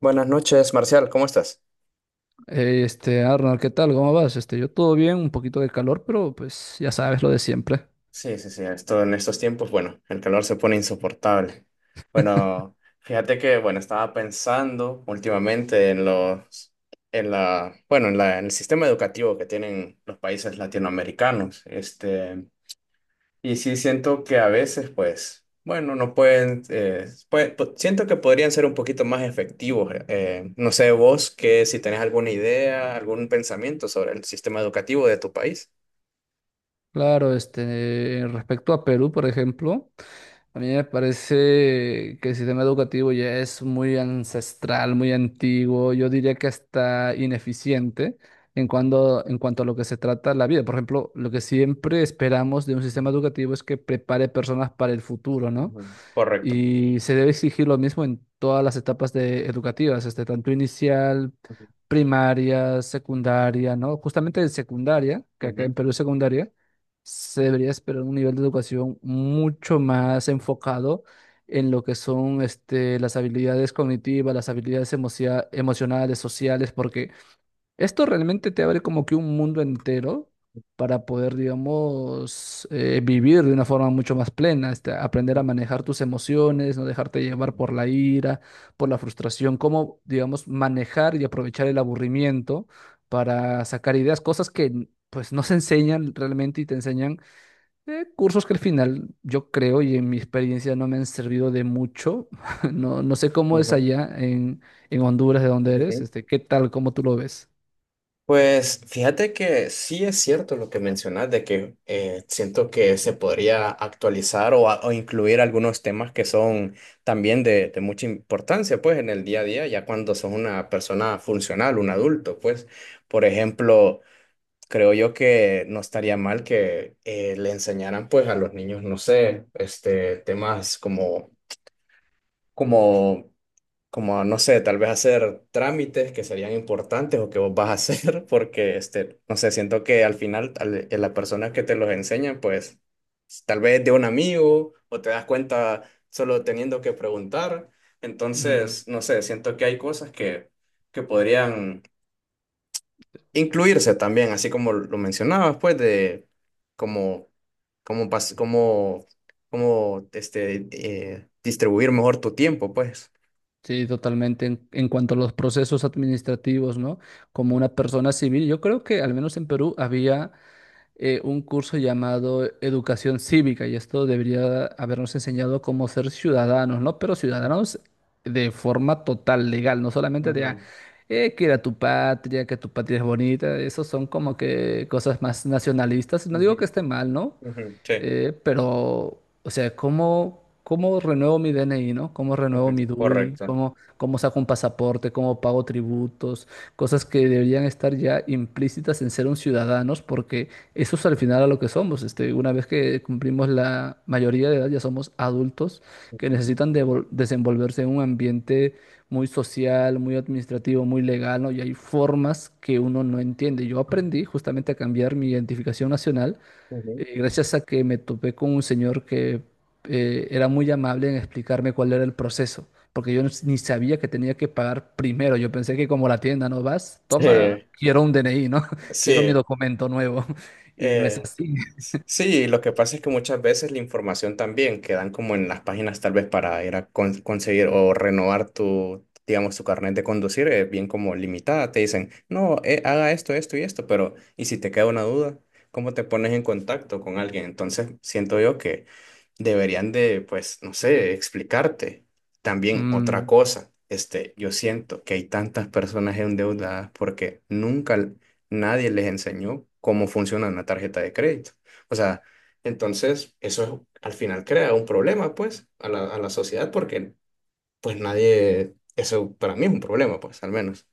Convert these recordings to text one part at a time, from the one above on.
Buenas noches, Marcial, ¿cómo estás? Hey, Arnold, ¿qué tal? ¿Cómo vas? Yo todo bien, un poquito de calor, pero pues ya sabes lo de siempre. Sí, sí, sí, esto en estos tiempos, bueno, el calor se pone insoportable. Bueno, fíjate que, bueno, estaba pensando últimamente en los, en la, bueno, en la, en el sistema educativo que tienen los países latinoamericanos. Y sí siento que a veces, pues, bueno, no pueden, siento que podrían ser un poquito más efectivos. No sé, vos, que si tenés alguna idea, algún pensamiento sobre el sistema educativo de tu país. Claro, respecto a Perú, por ejemplo, a mí me parece que el sistema educativo ya es muy ancestral, muy antiguo, yo diría que hasta ineficiente en cuanto a lo que se trata la vida. Por ejemplo, lo que siempre esperamos de un sistema educativo es que prepare personas para el futuro, ¿no? Ujú, correcto. Y se debe exigir lo mismo en todas las etapas educativas, este, tanto inicial, Ujú. primaria, secundaria, ¿no? Justamente en secundaria, que acá en Ujú. Perú es secundaria, se debería esperar un nivel de educación mucho más enfocado en lo que son este, las habilidades cognitivas, las habilidades emocionales, sociales, porque esto realmente te abre como que un mundo entero para poder, digamos, vivir de una forma mucho más plena, este, aprender a manejar tus emociones, no dejarte Ujú. llevar por la ira, por la frustración, cómo, digamos, manejar y aprovechar el aburrimiento para sacar ideas, cosas que pues no se enseñan realmente y te enseñan cursos que al final yo creo y en mi experiencia no me han servido de mucho. No, no sé cómo es Ujú. allá en Honduras, de donde eres, este, ¿qué tal, cómo tú lo ves? Pues fíjate que sí es cierto lo que mencionas de que siento que se podría actualizar o o incluir algunos temas que son también de mucha importancia pues en el día a día, ya cuando sos una persona funcional, un adulto, pues por ejemplo, creo yo que no estaría mal que le enseñaran pues a los niños, no sé, este, temas como... como como no sé, tal vez hacer trámites que serían importantes o que vos vas a hacer, porque, este, no sé, siento que al final, la persona que te los enseña, pues, tal vez de un amigo o te das cuenta solo teniendo que preguntar. Entonces, Ujú. no sé, siento que hay cosas que podrían incluirse también, así como lo mencionabas, pues, de como, como, pas- como, como, este, distribuir mejor tu tiempo, pues. Sí, totalmente. En cuanto a los procesos administrativos, ¿no? Como una persona civil, yo creo que al menos en Perú había un curso llamado Educación Cívica y esto debería habernos enseñado cómo ser ciudadanos, ¿no? Pero ciudadanos de forma total, legal, no solamente de, Ujú, que era tu patria, que tu patria es bonita, esos son como que cosas más nacionalistas. No digo que ujú. esté mal, ¿no? Ujú, sí, Pero, o sea, ¿cómo, cómo renuevo mi DNI, ¿no? ¿Cómo ujú, renuevo mi DUI? correcto. ¿Cómo, cómo saco un pasaporte? ¿Cómo pago tributos? Cosas que deberían estar ya implícitas en ser un ciudadanos, porque eso es al final a lo que somos. Este, una vez que cumplimos la mayoría de edad, ya somos adultos que Ujú, necesitan desenvolverse en un ambiente muy social, muy administrativo, muy legal, ¿no? Y hay formas que uno no entiende. Yo aprendí justamente a cambiar mi identificación nacional ujú. Gracias a que me topé con un señor que era muy amable en explicarme cuál era el proceso, porque yo no- ni sabía que tenía que pagar primero. Yo pensé que como la tienda no vas, Sí, toma, quiero un DNI, ¿no? Quiero mi sí. documento nuevo. Y no es Eh, así. sí, lo que pasa es que muchas veces la información también quedan como en las páginas tal vez para ir a conseguir o renovar tu, digamos, tu carnet de conducir, es bien como limitada. Te dicen, no, haga esto, esto y esto, pero ¿y si te queda una duda? ¿Cómo te pones en contacto con alguien? Entonces, siento yo que deberían de, pues, no sé, explicarte. También otra Mm. cosa, este, yo siento que hay tantas personas endeudadas porque nunca nadie les enseñó cómo funciona una tarjeta de crédito. O sea, entonces eso al final crea un problema, pues, a la sociedad porque, pues, nadie, eso para mí es un problema, pues, al menos.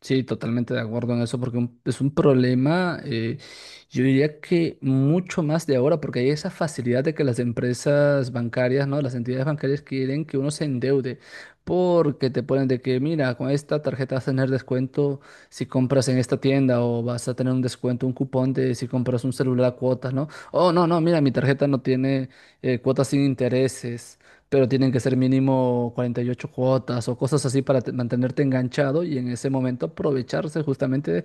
Sí, totalmente de acuerdo en eso, porque es un problema, yo diría que mucho más de ahora, porque hay esa facilidad de que las empresas bancarias, ¿no? Las entidades bancarias quieren que uno se endeude, porque te ponen de que, mira, con esta tarjeta vas a tener descuento si compras en esta tienda, o vas a tener un descuento, un cupón de si compras un celular a cuotas, ¿no? Oh, no, no, mira, mi tarjeta no tiene cuotas sin intereses, pero tienen que ser mínimo 48 cuotas o cosas así para mantenerte enganchado y en ese momento aprovecharse justamente,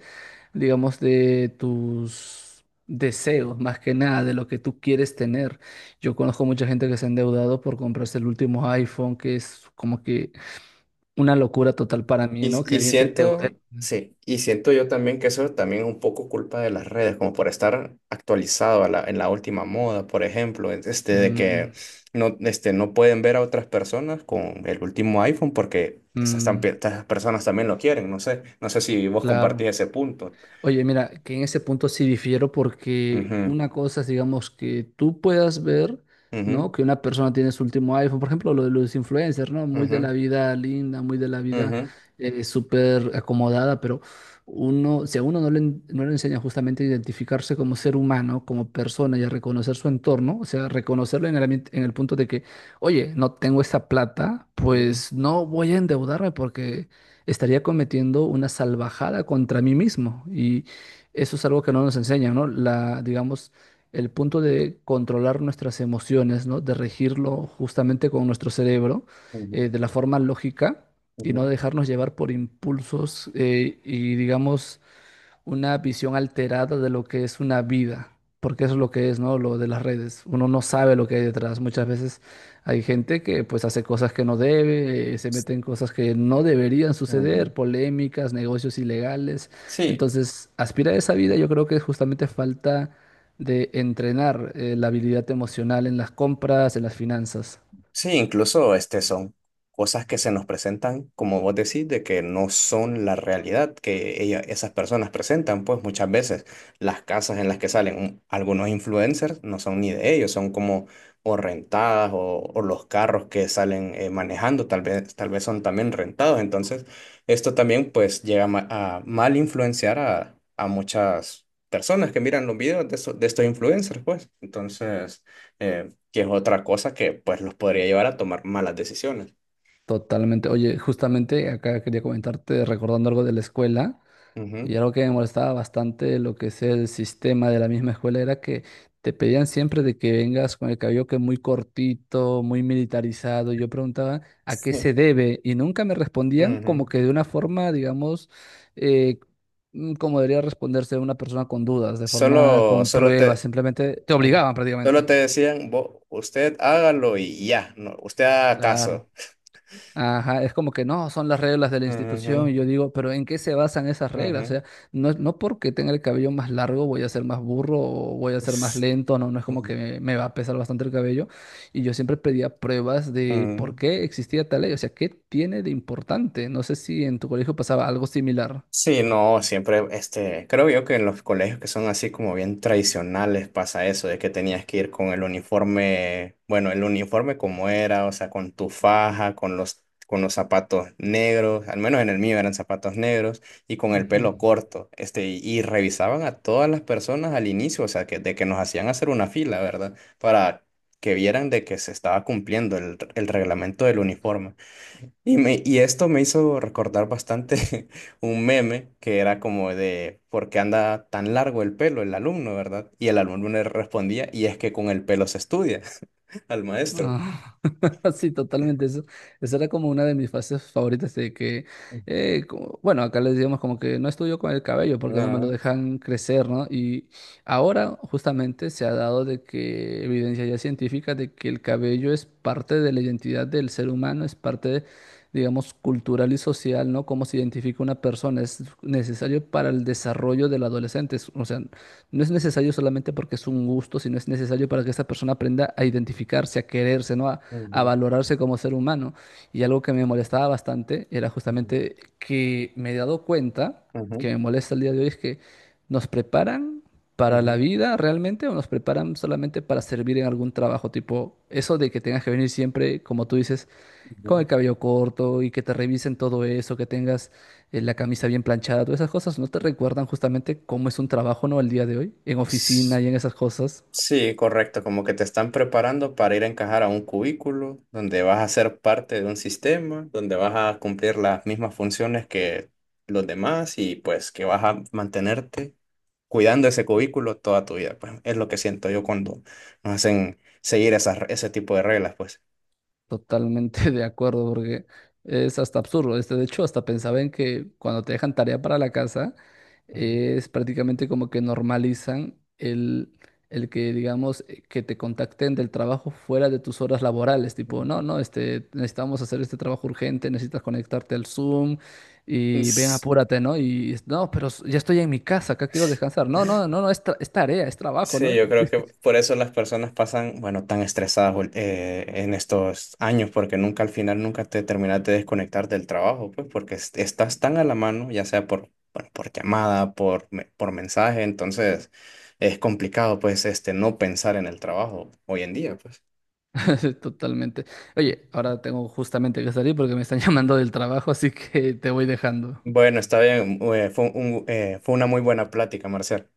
digamos, de tus deseos, más que nada, de lo que tú quieres tener. Yo conozco mucha gente que se ha endeudado por comprarse el último iPhone, que es como que una locura total para Y, mí, ¿no? Que y alguien se endeude. siento, sí, y siento yo también que eso también es un poco culpa de las redes, como por estar actualizado a en la última moda, por ejemplo, este, de que Mm, no, este, no pueden ver a otras personas con el último iPhone porque mm, estas personas también lo quieren, no sé, no sé si vos compartís claro. ese punto. Oye, mira, que en ese punto sí difiero porque Ujú, una cosa es, digamos, que tú puedas ver, ¿no? ujú, Que una persona tiene su último iPhone, por ejemplo, lo de los influencers, ¿no? Muy de la ujú, vida linda, muy de la vida ujú, súper acomodada, pero uno, si a uno no le, no le enseña justamente a identificarse como ser humano, como persona y a reconocer su entorno, o sea, reconocerlo en el, en el punto de que, oye, no tengo esa plata, ujú, pues no voy a endeudarme porque estaría cometiendo una salvajada contra mí mismo. Y eso es algo que no nos enseñan, ¿no? La, digamos, el punto de controlar nuestras emociones, ¿no? De regirlo justamente con nuestro cerebro, ujú, de la forma lógica y no ujú, dejarnos llevar por impulsos y, digamos, una visión alterada de lo que es una vida, porque eso es lo que es, ¿no? Lo de las redes. Uno no sabe lo que hay detrás. Muchas veces hay gente que pues hace cosas que no debe, se mete en cosas que no deberían ujú. suceder, polémicas, negocios ilegales. Sí. Entonces, aspirar a esa vida yo creo que justamente falta de entrenar la habilidad emocional en las compras, en las finanzas. Sí, incluso este son cosas que se nos presentan, como vos decís, de que no son la realidad que esas personas presentan, pues muchas veces las casas en las que salen algunos influencers no son ni de ellos, son como o rentadas o los carros que salen manejando, tal vez son también rentados. Entonces, esto también pues llega a, a mal influenciar a muchas personas que miran los videos de, de estos influencers, pues. Entonces eh, que es otra cosa que pues los podría llevar a tomar malas decisiones. Totalmente. Oye, justamente acá quería comentarte, recordando algo de la escuela. Y Ujú. algo que me molestaba bastante de lo que es el sistema de la misma escuela era que te pedían siempre de que vengas con el cabello que muy cortito, muy militarizado. Y yo preguntaba a qué Sí. se debe y nunca me respondían como Ujú. que de una forma, digamos, eh, como debería responderse una persona con dudas, de forma Solo, con solo pruebas, te, simplemente te ujú. obligaban Solo prácticamente. te decían, Usted hágalo y ya, no, usted haga Claro. caso." Ajá, es como que no, son las reglas de la institución. Y yo Ujú, digo, pero ¿en qué se basan esas reglas? O ujú. sea, no, no porque tenga el cabello más largo voy a ser más burro o voy a ser más S- lento, no, no es como Ujú, que me va a pesar bastante el cabello. Y yo siempre pedía pruebas de por ujú. qué existía tal ley, o sea, ¿qué tiene de importante? No sé si en tu colegio pasaba algo similar. Sí, no, siempre, este, creo yo que en los colegios que son así como bien tradicionales pasa eso, de que tenías que ir con el uniforme, bueno, el uniforme como era, o sea, con tu faja, con con los zapatos negros, al menos en el mío eran zapatos negros, y con el Ujú. pelo corto, este, y revisaban a todas las personas al inicio, o sea, que, de que nos hacían hacer una fila, ¿verdad? Para que vieran de que se estaba cumpliendo el reglamento del uniforme. Y esto me hizo recordar bastante un meme que era como de ¿por qué anda tan largo el pelo el alumno, verdad? Y el alumno le respondía, y es que con el pelo se estudia al maestro. Ah. Sí, totalmente. Eso era como una de mis fases favoritas de que, bueno, acá les decíamos como que no estudio con el cabello porque no me lo Ah, dejan crecer, ¿no? Y ahora justamente se ha dado de que evidencia ya científica de que el cabello es parte de la identidad del ser humano, es parte, de, digamos, cultural y social, ¿no? Cómo se identifica una persona, es necesario para el desarrollo del adolescente. O sea, no es necesario solamente porque es un gusto, sino es necesario para que esta persona aprenda a identificarse, a quererse, ¿no? A ujú, valorarse como ser humano. Y algo que me molestaba bastante era ujú, justamente que me he dado cuenta, ujú, que me molesta el día de hoy, es que nos preparan para la ujú, vida realmente o nos preparan solamente para servir en algún trabajo, tipo eso de que tengas que venir siempre, como tú dices, ujú. con el cabello corto y que te revisen todo eso, que tengas la camisa bien planchada, todas esas cosas no te recuerdan justamente cómo es un trabajo, ¿no? El día de hoy, en oficina y en esas cosas. Sí, correcto, como que te están preparando para ir a encajar a un cubículo donde vas a ser parte de un sistema, donde vas a cumplir las mismas funciones que los demás y pues que vas a mantenerte cuidando ese cubículo toda tu vida. Pues es lo que siento yo cuando nos hacen seguir esas, ese tipo de reglas, pues. Totalmente de acuerdo, porque es hasta absurdo. Este, de hecho, hasta pensaba en que cuando te dejan tarea para la casa, Ujú, es prácticamente como que normalizan el que, digamos, que te contacten del trabajo fuera de tus horas laborales. Tipo, no, ujú. no, este, necesitamos hacer este trabajo urgente, necesitas conectarte al Zoom y ven, Es- apúrate, ¿no? Y no, pero ya estoy en mi casa, acá quiero descansar. No, no, no, no, es, es tarea, es trabajo, ¿no? Sí, yo creo que por eso las personas pasan, bueno, tan estresadas en estos años, porque nunca al final, nunca te terminas de desconectar del trabajo, pues porque estás tan a la mano, ya sea por, bueno, por llamada, por, por mensaje, entonces es complicado, pues, este, no pensar en el trabajo hoy en día, pues. Totalmente. Oye, ahora tengo justamente que salir porque me están llamando del trabajo, así que te voy dejando. Bueno, está bien, fue fue una muy buena plática, Marcial.